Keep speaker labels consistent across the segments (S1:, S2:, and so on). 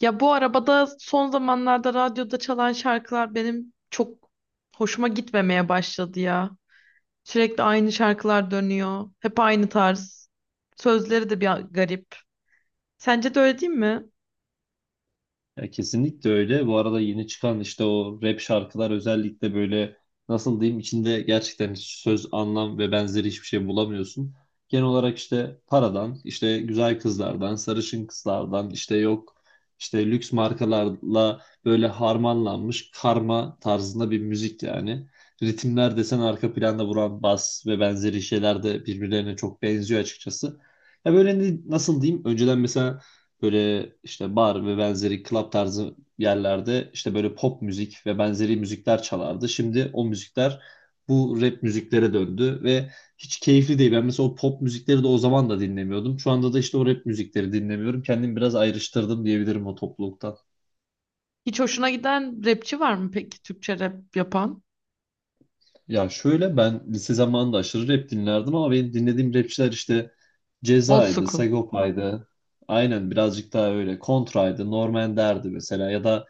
S1: Ya bu arabada son zamanlarda radyoda çalan şarkılar benim çok hoşuma gitmemeye başladı ya. Sürekli aynı şarkılar dönüyor. Hep aynı tarz. Sözleri de bir garip. Sence de öyle değil mi?
S2: Ya kesinlikle öyle. Bu arada yeni çıkan işte o rap şarkılar özellikle böyle nasıl diyeyim içinde gerçekten hiç söz, anlam ve benzeri hiçbir şey bulamıyorsun. Genel olarak işte paradan, işte güzel kızlardan, sarışın kızlardan, işte yok işte lüks markalarla böyle harmanlanmış karma tarzında bir müzik yani. Ritimler desen arka planda vuran bas ve benzeri şeyler de birbirlerine çok benziyor açıkçası. Ya böyle nasıl diyeyim? Önceden mesela böyle işte bar ve benzeri club tarzı yerlerde işte böyle pop müzik ve benzeri müzikler çalardı. Şimdi o müzikler bu rap müziklere döndü ve hiç keyifli değil. Ben mesela o pop müzikleri de o zaman da dinlemiyordum. Şu anda da işte o rap müzikleri dinlemiyorum. Kendimi biraz ayrıştırdım diyebilirim o topluluktan.
S1: Hiç hoşuna giden rapçi var mı peki Türkçe rap yapan?
S2: Ya şöyle ben lise zamanında aşırı rap dinlerdim ama benim dinlediğim rapçiler işte
S1: Old
S2: Ceza'ydı,
S1: school.
S2: Sagopa'ydı. Aynen birazcık daha öyle. Kontra'ydı, Norm Ender'di mesela ya da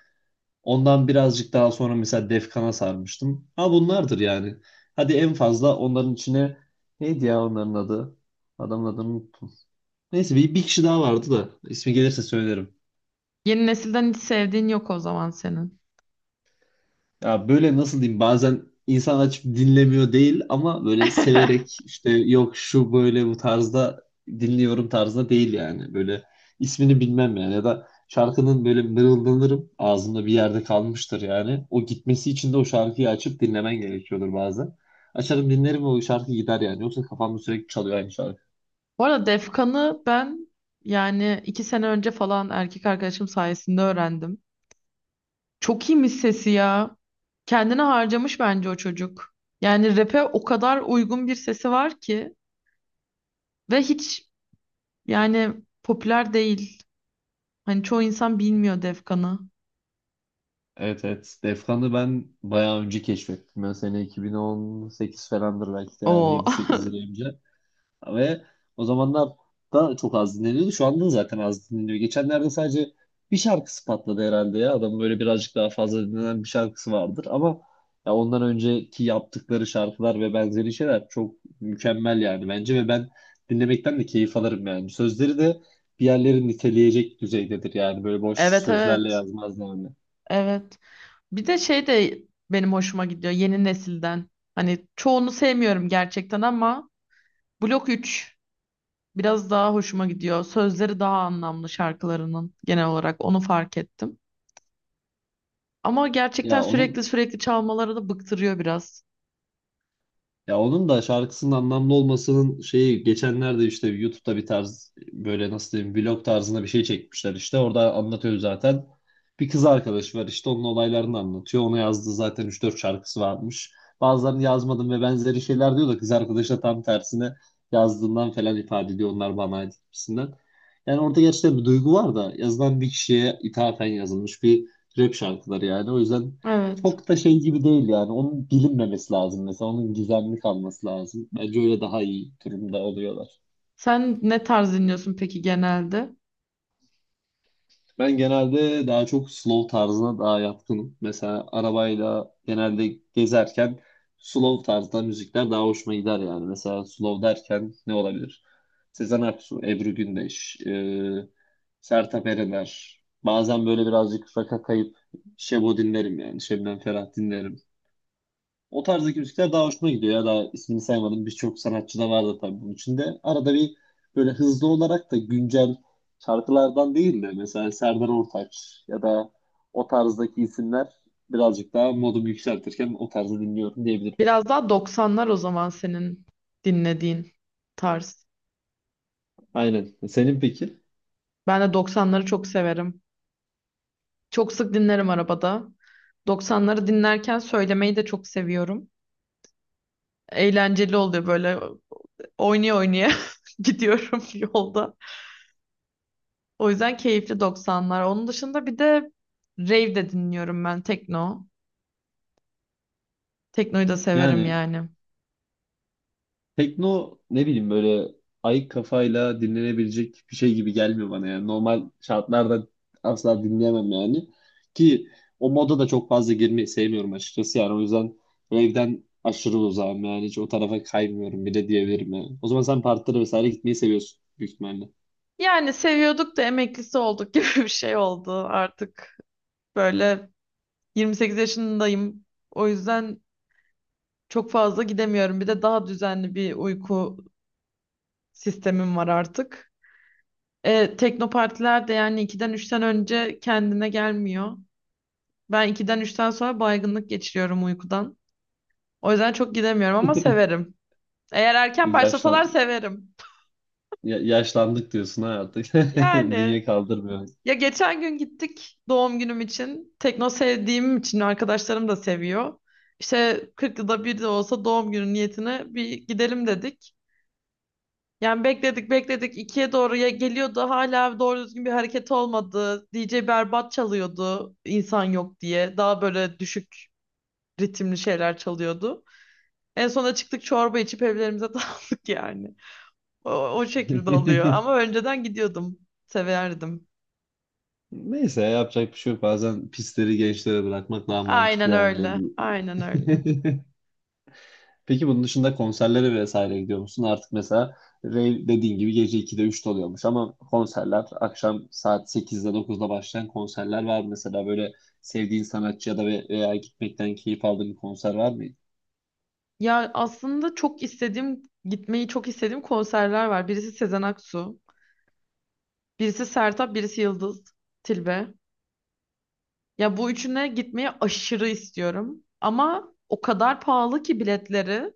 S2: ondan birazcık daha sonra mesela Defkan'a sarmıştım. Ha bunlardır yani. Hadi en fazla onların içine neydi ya onların adı? Adamın adını unuttum. Neyse bir kişi daha vardı da ismi gelirse söylerim.
S1: Yeni nesilden hiç sevdiğin yok o zaman senin.
S2: Ya böyle nasıl diyeyim bazen insan açıp dinlemiyor değil ama böyle severek işte yok şu böyle bu tarzda dinliyorum tarzda değil yani. Böyle ismini bilmem yani ya da şarkının böyle mırıldanırım ağzımda bir yerde kalmıştır yani. O gitmesi için de o şarkıyı açıp dinlemen gerekiyordur bazen. Açarım dinlerim ve o şarkı gider yani. Yoksa kafamda sürekli çalıyor aynı şarkı.
S1: Bu arada Defkan'ı ben iki sene önce falan erkek arkadaşım sayesinde öğrendim. Çok iyiymiş sesi ya. Kendini harcamış bence o çocuk. Yani rap'e o kadar uygun bir sesi var ki ve hiç yani popüler değil. Hani çoğu insan bilmiyor Defkan'ı.
S2: Evet, evet. Defkan'ı ben bayağı önce keşfettim. Ben sene 2018 falandır belki de yani
S1: Oo.
S2: 7-8 yıl önce. Ve o zamanlar da çok az dinleniyordu. Şu anda da zaten az dinleniyor. Geçenlerde sadece bir şarkısı patladı herhalde ya. Adamın böyle birazcık daha fazla dinlenen bir şarkısı vardır. Ama ya ondan önceki yaptıkları şarkılar ve benzeri şeyler çok mükemmel yani bence. Ve ben dinlemekten de keyif alırım yani. Sözleri de bir yerleri niteleyecek düzeydedir yani. Böyle boş
S1: Evet,
S2: sözlerle
S1: evet.
S2: yazmaz yani.
S1: Evet. Bir de benim hoşuma gidiyor yeni nesilden. Hani çoğunu sevmiyorum gerçekten ama Blok 3 biraz daha hoşuma gidiyor. Sözleri daha anlamlı şarkılarının, genel olarak onu fark ettim. Ama gerçekten
S2: Ya
S1: sürekli
S2: onun
S1: sürekli çalmaları da bıktırıyor biraz.
S2: Ya onun da şarkısının anlamlı olmasının şeyi geçenlerde işte YouTube'da bir tarz böyle nasıl diyeyim vlog tarzında bir şey çekmişler işte orada anlatıyor zaten. Bir kız arkadaşı var işte onun olaylarını anlatıyor. Ona yazdığı zaten 3-4 şarkısı varmış. Bazılarını yazmadım ve benzeri şeyler diyor da kız arkadaşı da tam tersine yazdığından falan ifade ediyor onlar bana ait gibisinden. Yani orada gerçekten bir duygu var da yazılan bir kişiye ithafen yazılmış bir rap şarkıları yani. O yüzden
S1: Evet.
S2: çok da şey gibi değil yani. Onun bilinmemesi lazım mesela. Onun gizemli kalması lazım. Bence öyle daha iyi durumda oluyorlar.
S1: Sen ne tarz dinliyorsun peki genelde?
S2: Ben genelde daha çok slow tarzına daha yatkınım. Mesela arabayla genelde gezerken slow tarzda müzikler daha hoşuma gider yani. Mesela slow derken ne olabilir? Sezen Aksu, Ebru Gündeş, Sertab Erener. Bazen böyle birazcık rock'a kayıp Şebo dinlerim yani. Şebnem Ferah dinlerim. O tarzdaki müzikler daha hoşuma gidiyor ya. Daha ismini saymadım. Birçok sanatçı da vardı tabii bunun içinde. Arada bir böyle hızlı olarak da güncel şarkılardan değil de mesela Serdar Ortaç ya da o tarzdaki isimler birazcık daha modumu yükseltirken o tarzı dinliyorum diyebilirim.
S1: Biraz daha doksanlar o zaman senin dinlediğin tarz.
S2: Aynen. Senin peki?
S1: Ben de doksanları çok severim. Çok sık dinlerim arabada. Doksanları dinlerken söylemeyi de çok seviyorum. Eğlenceli oluyor, böyle oynaya oynaya gidiyorum yolda. O yüzden keyifli doksanlar. Onun dışında bir de rave de dinliyorum, ben tekno. Teknoyu da severim
S2: Yani
S1: yani.
S2: tekno ne bileyim böyle ayık kafayla dinlenebilecek bir şey gibi gelmiyor bana yani. Normal şartlarda asla dinleyemem yani. Ki o moda da çok fazla girmeyi sevmiyorum açıkçası yani. O yüzden evden aşırı uzağım yani. Hiç o tarafa kaymıyorum bile diyebilirim yani. O zaman sen partilere vesaire gitmeyi seviyorsun büyük ihtimalle.
S1: Yani seviyorduk da emeklisi olduk gibi bir şey oldu artık. Böyle 28 yaşındayım. O yüzden çok fazla gidemiyorum. Bir de daha düzenli bir uyku sistemim var artık. Tekno partiler de yani 2'den 3'ten önce kendine gelmiyor. Ben 2'den üçten sonra baygınlık geçiriyorum uykudan. O yüzden çok gidemiyorum ama severim. Eğer erken başlasalar
S2: Yaşlan
S1: severim.
S2: yaşlandık diyorsun ha artık.
S1: Yani
S2: Bünye kaldırmıyor.
S1: geçen gün gittik doğum günüm için. Tekno sevdiğim için arkadaşlarım da seviyor. İşte 40 yılda bir de olsa doğum günü niyetine bir gidelim dedik. Yani bekledik, bekledik ikiye doğru, ya geliyordu hala doğru düzgün bir hareket olmadı. DJ berbat çalıyordu insan yok diye. Daha böyle düşük ritimli şeyler çalıyordu. En sonunda çıktık, çorba içip evlerimize dağıldık yani. O şekilde oluyor ama önceden gidiyordum. Severdim.
S2: Neyse yapacak bir şey yok. Bazen pisleri gençlere bırakmak daha mantıklı
S1: Aynen
S2: yani
S1: öyle. Aynen öyle.
S2: belli. Peki bunun dışında konserlere vesaire gidiyor musun? Artık mesela rave dediğin gibi gece 2'de üçte oluyormuş ama konserler akşam saat 8'de 9'da başlayan konserler var mı? Mesela böyle sevdiğin sanatçı ya da veya gitmekten keyif aldığın bir konser var mı?
S1: Ya aslında çok istediğim, gitmeyi çok istediğim konserler var. Birisi Sezen Aksu, birisi Sertab, birisi Yıldız Tilbe. Ya bu üçüne gitmeyi aşırı istiyorum. Ama o kadar pahalı ki biletleri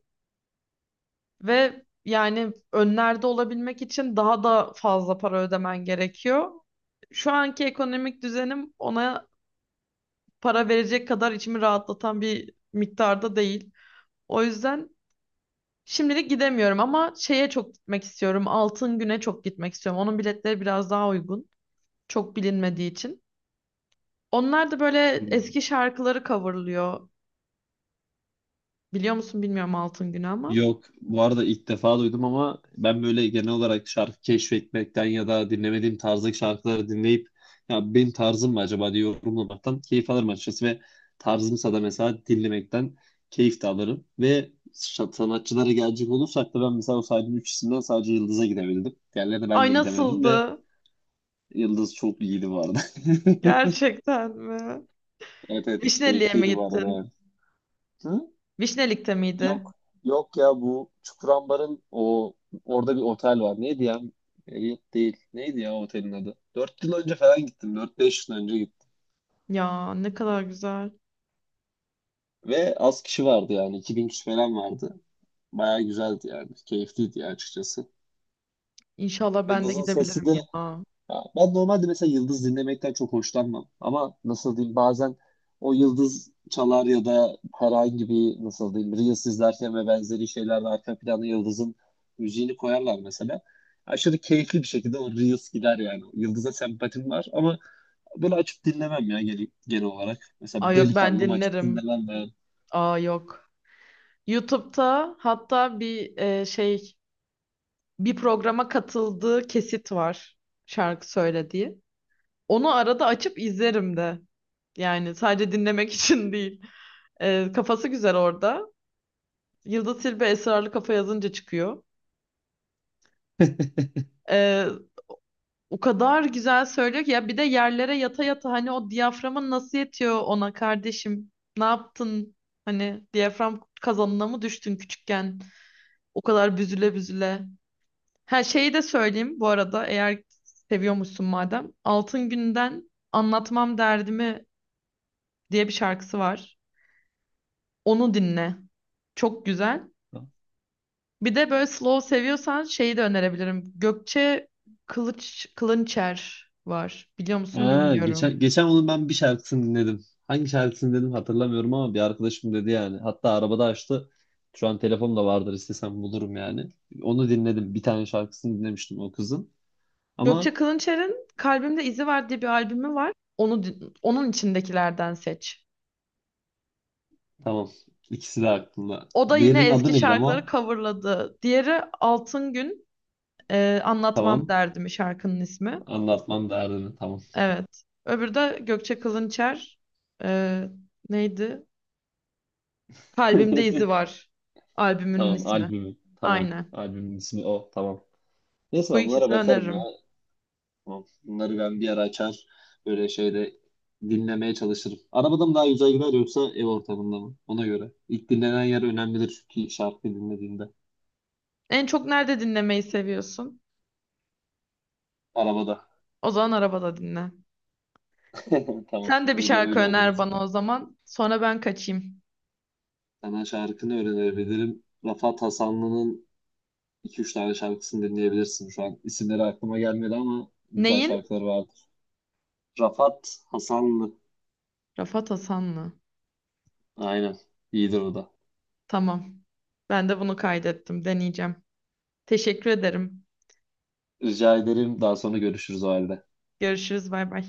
S1: ve önlerde olabilmek için daha da fazla para ödemen gerekiyor. Şu anki ekonomik düzenim, ona para verecek kadar içimi rahatlatan bir miktarda değil. O yüzden şimdilik gidemiyorum, ama şeye çok gitmek istiyorum. Altın Gün'e çok gitmek istiyorum. Onun biletleri biraz daha uygun. Çok bilinmediği için. Onlar da böyle
S2: Hmm.
S1: eski şarkıları coverlıyor. Biliyor musun bilmiyorum Altın Gün'ü ama.
S2: Yok, bu arada ilk defa duydum ama ben böyle genel olarak şarkı keşfetmekten ya da dinlemediğim tarzdaki şarkıları dinleyip ya benim tarzım mı acaba diye yorumlamaktan keyif alırım açıkçası ve tarzımsa da mesela dinlemekten keyif de alırım. Ve sanatçılara gelecek olursak da ben mesela o saydığım üç isimden sadece Yıldız'a gidebildim. Diğerlerine ben
S1: Ay,
S2: de gidemedim ve
S1: nasıldı?
S2: Yıldız çok iyiydi bu arada.
S1: Gerçekten mi?
S2: Evet, evet,
S1: Vişneli'ye mi
S2: keyifliydi bu arada
S1: gittin?
S2: yani. Hı?
S1: Vişnelik'te
S2: Yok,
S1: miydi?
S2: yok ya bu Çukurambar'ın o orada bir otel var. Neydi ya? Elliot değil. Neydi ya otelin adı? 4 yıl önce falan gittim. 4-5 yıl önce gittim.
S1: Ya ne kadar güzel.
S2: Ve az kişi vardı yani. 2.000 kişi falan vardı. Bayağı güzeldi yani. Keyifliydi ya açıkçası.
S1: İnşallah ben de
S2: Yıldız'ın sesi
S1: gidebilirim
S2: de,
S1: ya.
S2: ya ben normalde mesela yıldız dinlemekten çok hoşlanmam. Ama nasıl diyeyim bazen o yıldız çalar ya da herhangi bir nasıl diyeyim Reels izlerken ve benzeri şeylerde arka plana yıldızın müziğini koyarlar mesela. Aşırı keyifli bir şekilde o Reels gider yani. Yıldız'a sempatim var ama böyle açıp dinlemem ya genel olarak. Mesela bir
S1: Ay yok, ben
S2: delikanlım açıp
S1: dinlerim.
S2: dinlemem
S1: Aa yok. YouTube'da hatta bir bir programa katıldığı kesit var şarkı söylediği. Onu arada açıp izlerim de. Yani sadece dinlemek için değil. Kafası güzel orada. Yıldız Tilbe Esrarlı Kafa yazınca çıkıyor. E, O kadar güzel söylüyor ki ya, bir de yerlere yata yata, hani o diyaframın nasıl yetiyor ona kardeşim? Ne yaptın? Hani diyafram kazanına mı düştün küçükken? O kadar büzüle büzüle. Ha, şeyi de söyleyeyim bu arada, eğer seviyormuşsun madem. Altın Gün'den Anlatmam Derdimi diye bir şarkısı var. Onu dinle. Çok güzel.
S2: ben.
S1: Bir de böyle slow seviyorsan şeyi de önerebilirim. Gökçe Kılınçer var. Biliyor musun
S2: Ha,
S1: bilmiyorum.
S2: geçen onun ben bir şarkısını dinledim. Hangi şarkısını dedim hatırlamıyorum ama bir arkadaşım dedi yani. Hatta arabada açtı. Şu an telefonumda vardır istesem bulurum yani. Onu dinledim. Bir tane şarkısını dinlemiştim o kızın.
S1: Gökçe
S2: Ama
S1: Kılınçer'in Kalbimde İzi Var diye bir albümü var. Onu onun içindekilerden seç.
S2: tamam. ikisi de aklımda.
S1: O da yine
S2: Diğerinin adı
S1: eski
S2: neydi
S1: şarkıları
S2: ama?
S1: coverladı. Diğeri Altın Gün, Anlatmam
S2: Tamam.
S1: Derdimi şarkının ismi.
S2: Anlatmam derdini. Tamam.
S1: Evet. Öbürü de Gökçe Kılınçer. Ee, neydi? Kalbimde İzi Var. Albümünün
S2: Tamam,
S1: ismi.
S2: albümü. Tamam.
S1: Aynen.
S2: Albümün ismi o. Tamam. Neyse
S1: Bu
S2: ben bunlara
S1: ikisini
S2: bakarım ya.
S1: öneririm.
S2: Tamam. Bunları ben bir ara açar böyle şeyde dinlemeye çalışırım. Arabada mı daha güzel gider yoksa ev ortamında mı? Ona göre. İlk dinlenen yer önemlidir çünkü şarkı dinlediğinde.
S1: En çok nerede dinlemeyi seviyorsun?
S2: Arabada.
S1: O zaman arabada dinle.
S2: Tamam.
S1: Sen de bir
S2: Öyle
S1: şarkı
S2: öyle olur o
S1: öner
S2: zaman.
S1: bana o zaman. Sonra ben kaçayım.
S2: Sana şarkını öğrenebilirim. Rafat Hasanlı'nın 2-3 tane şarkısını dinleyebilirsin şu an. İsimleri aklıma gelmedi ama güzel
S1: Neyin?
S2: şarkıları vardır. Rafat Hasanlı.
S1: Rafat Hasanlı.
S2: Aynen. İyidir o da.
S1: Tamam. Ben de bunu kaydettim. Deneyeceğim. Teşekkür ederim.
S2: Rica ederim. Daha sonra görüşürüz o halde.
S1: Görüşürüz. Bay bay.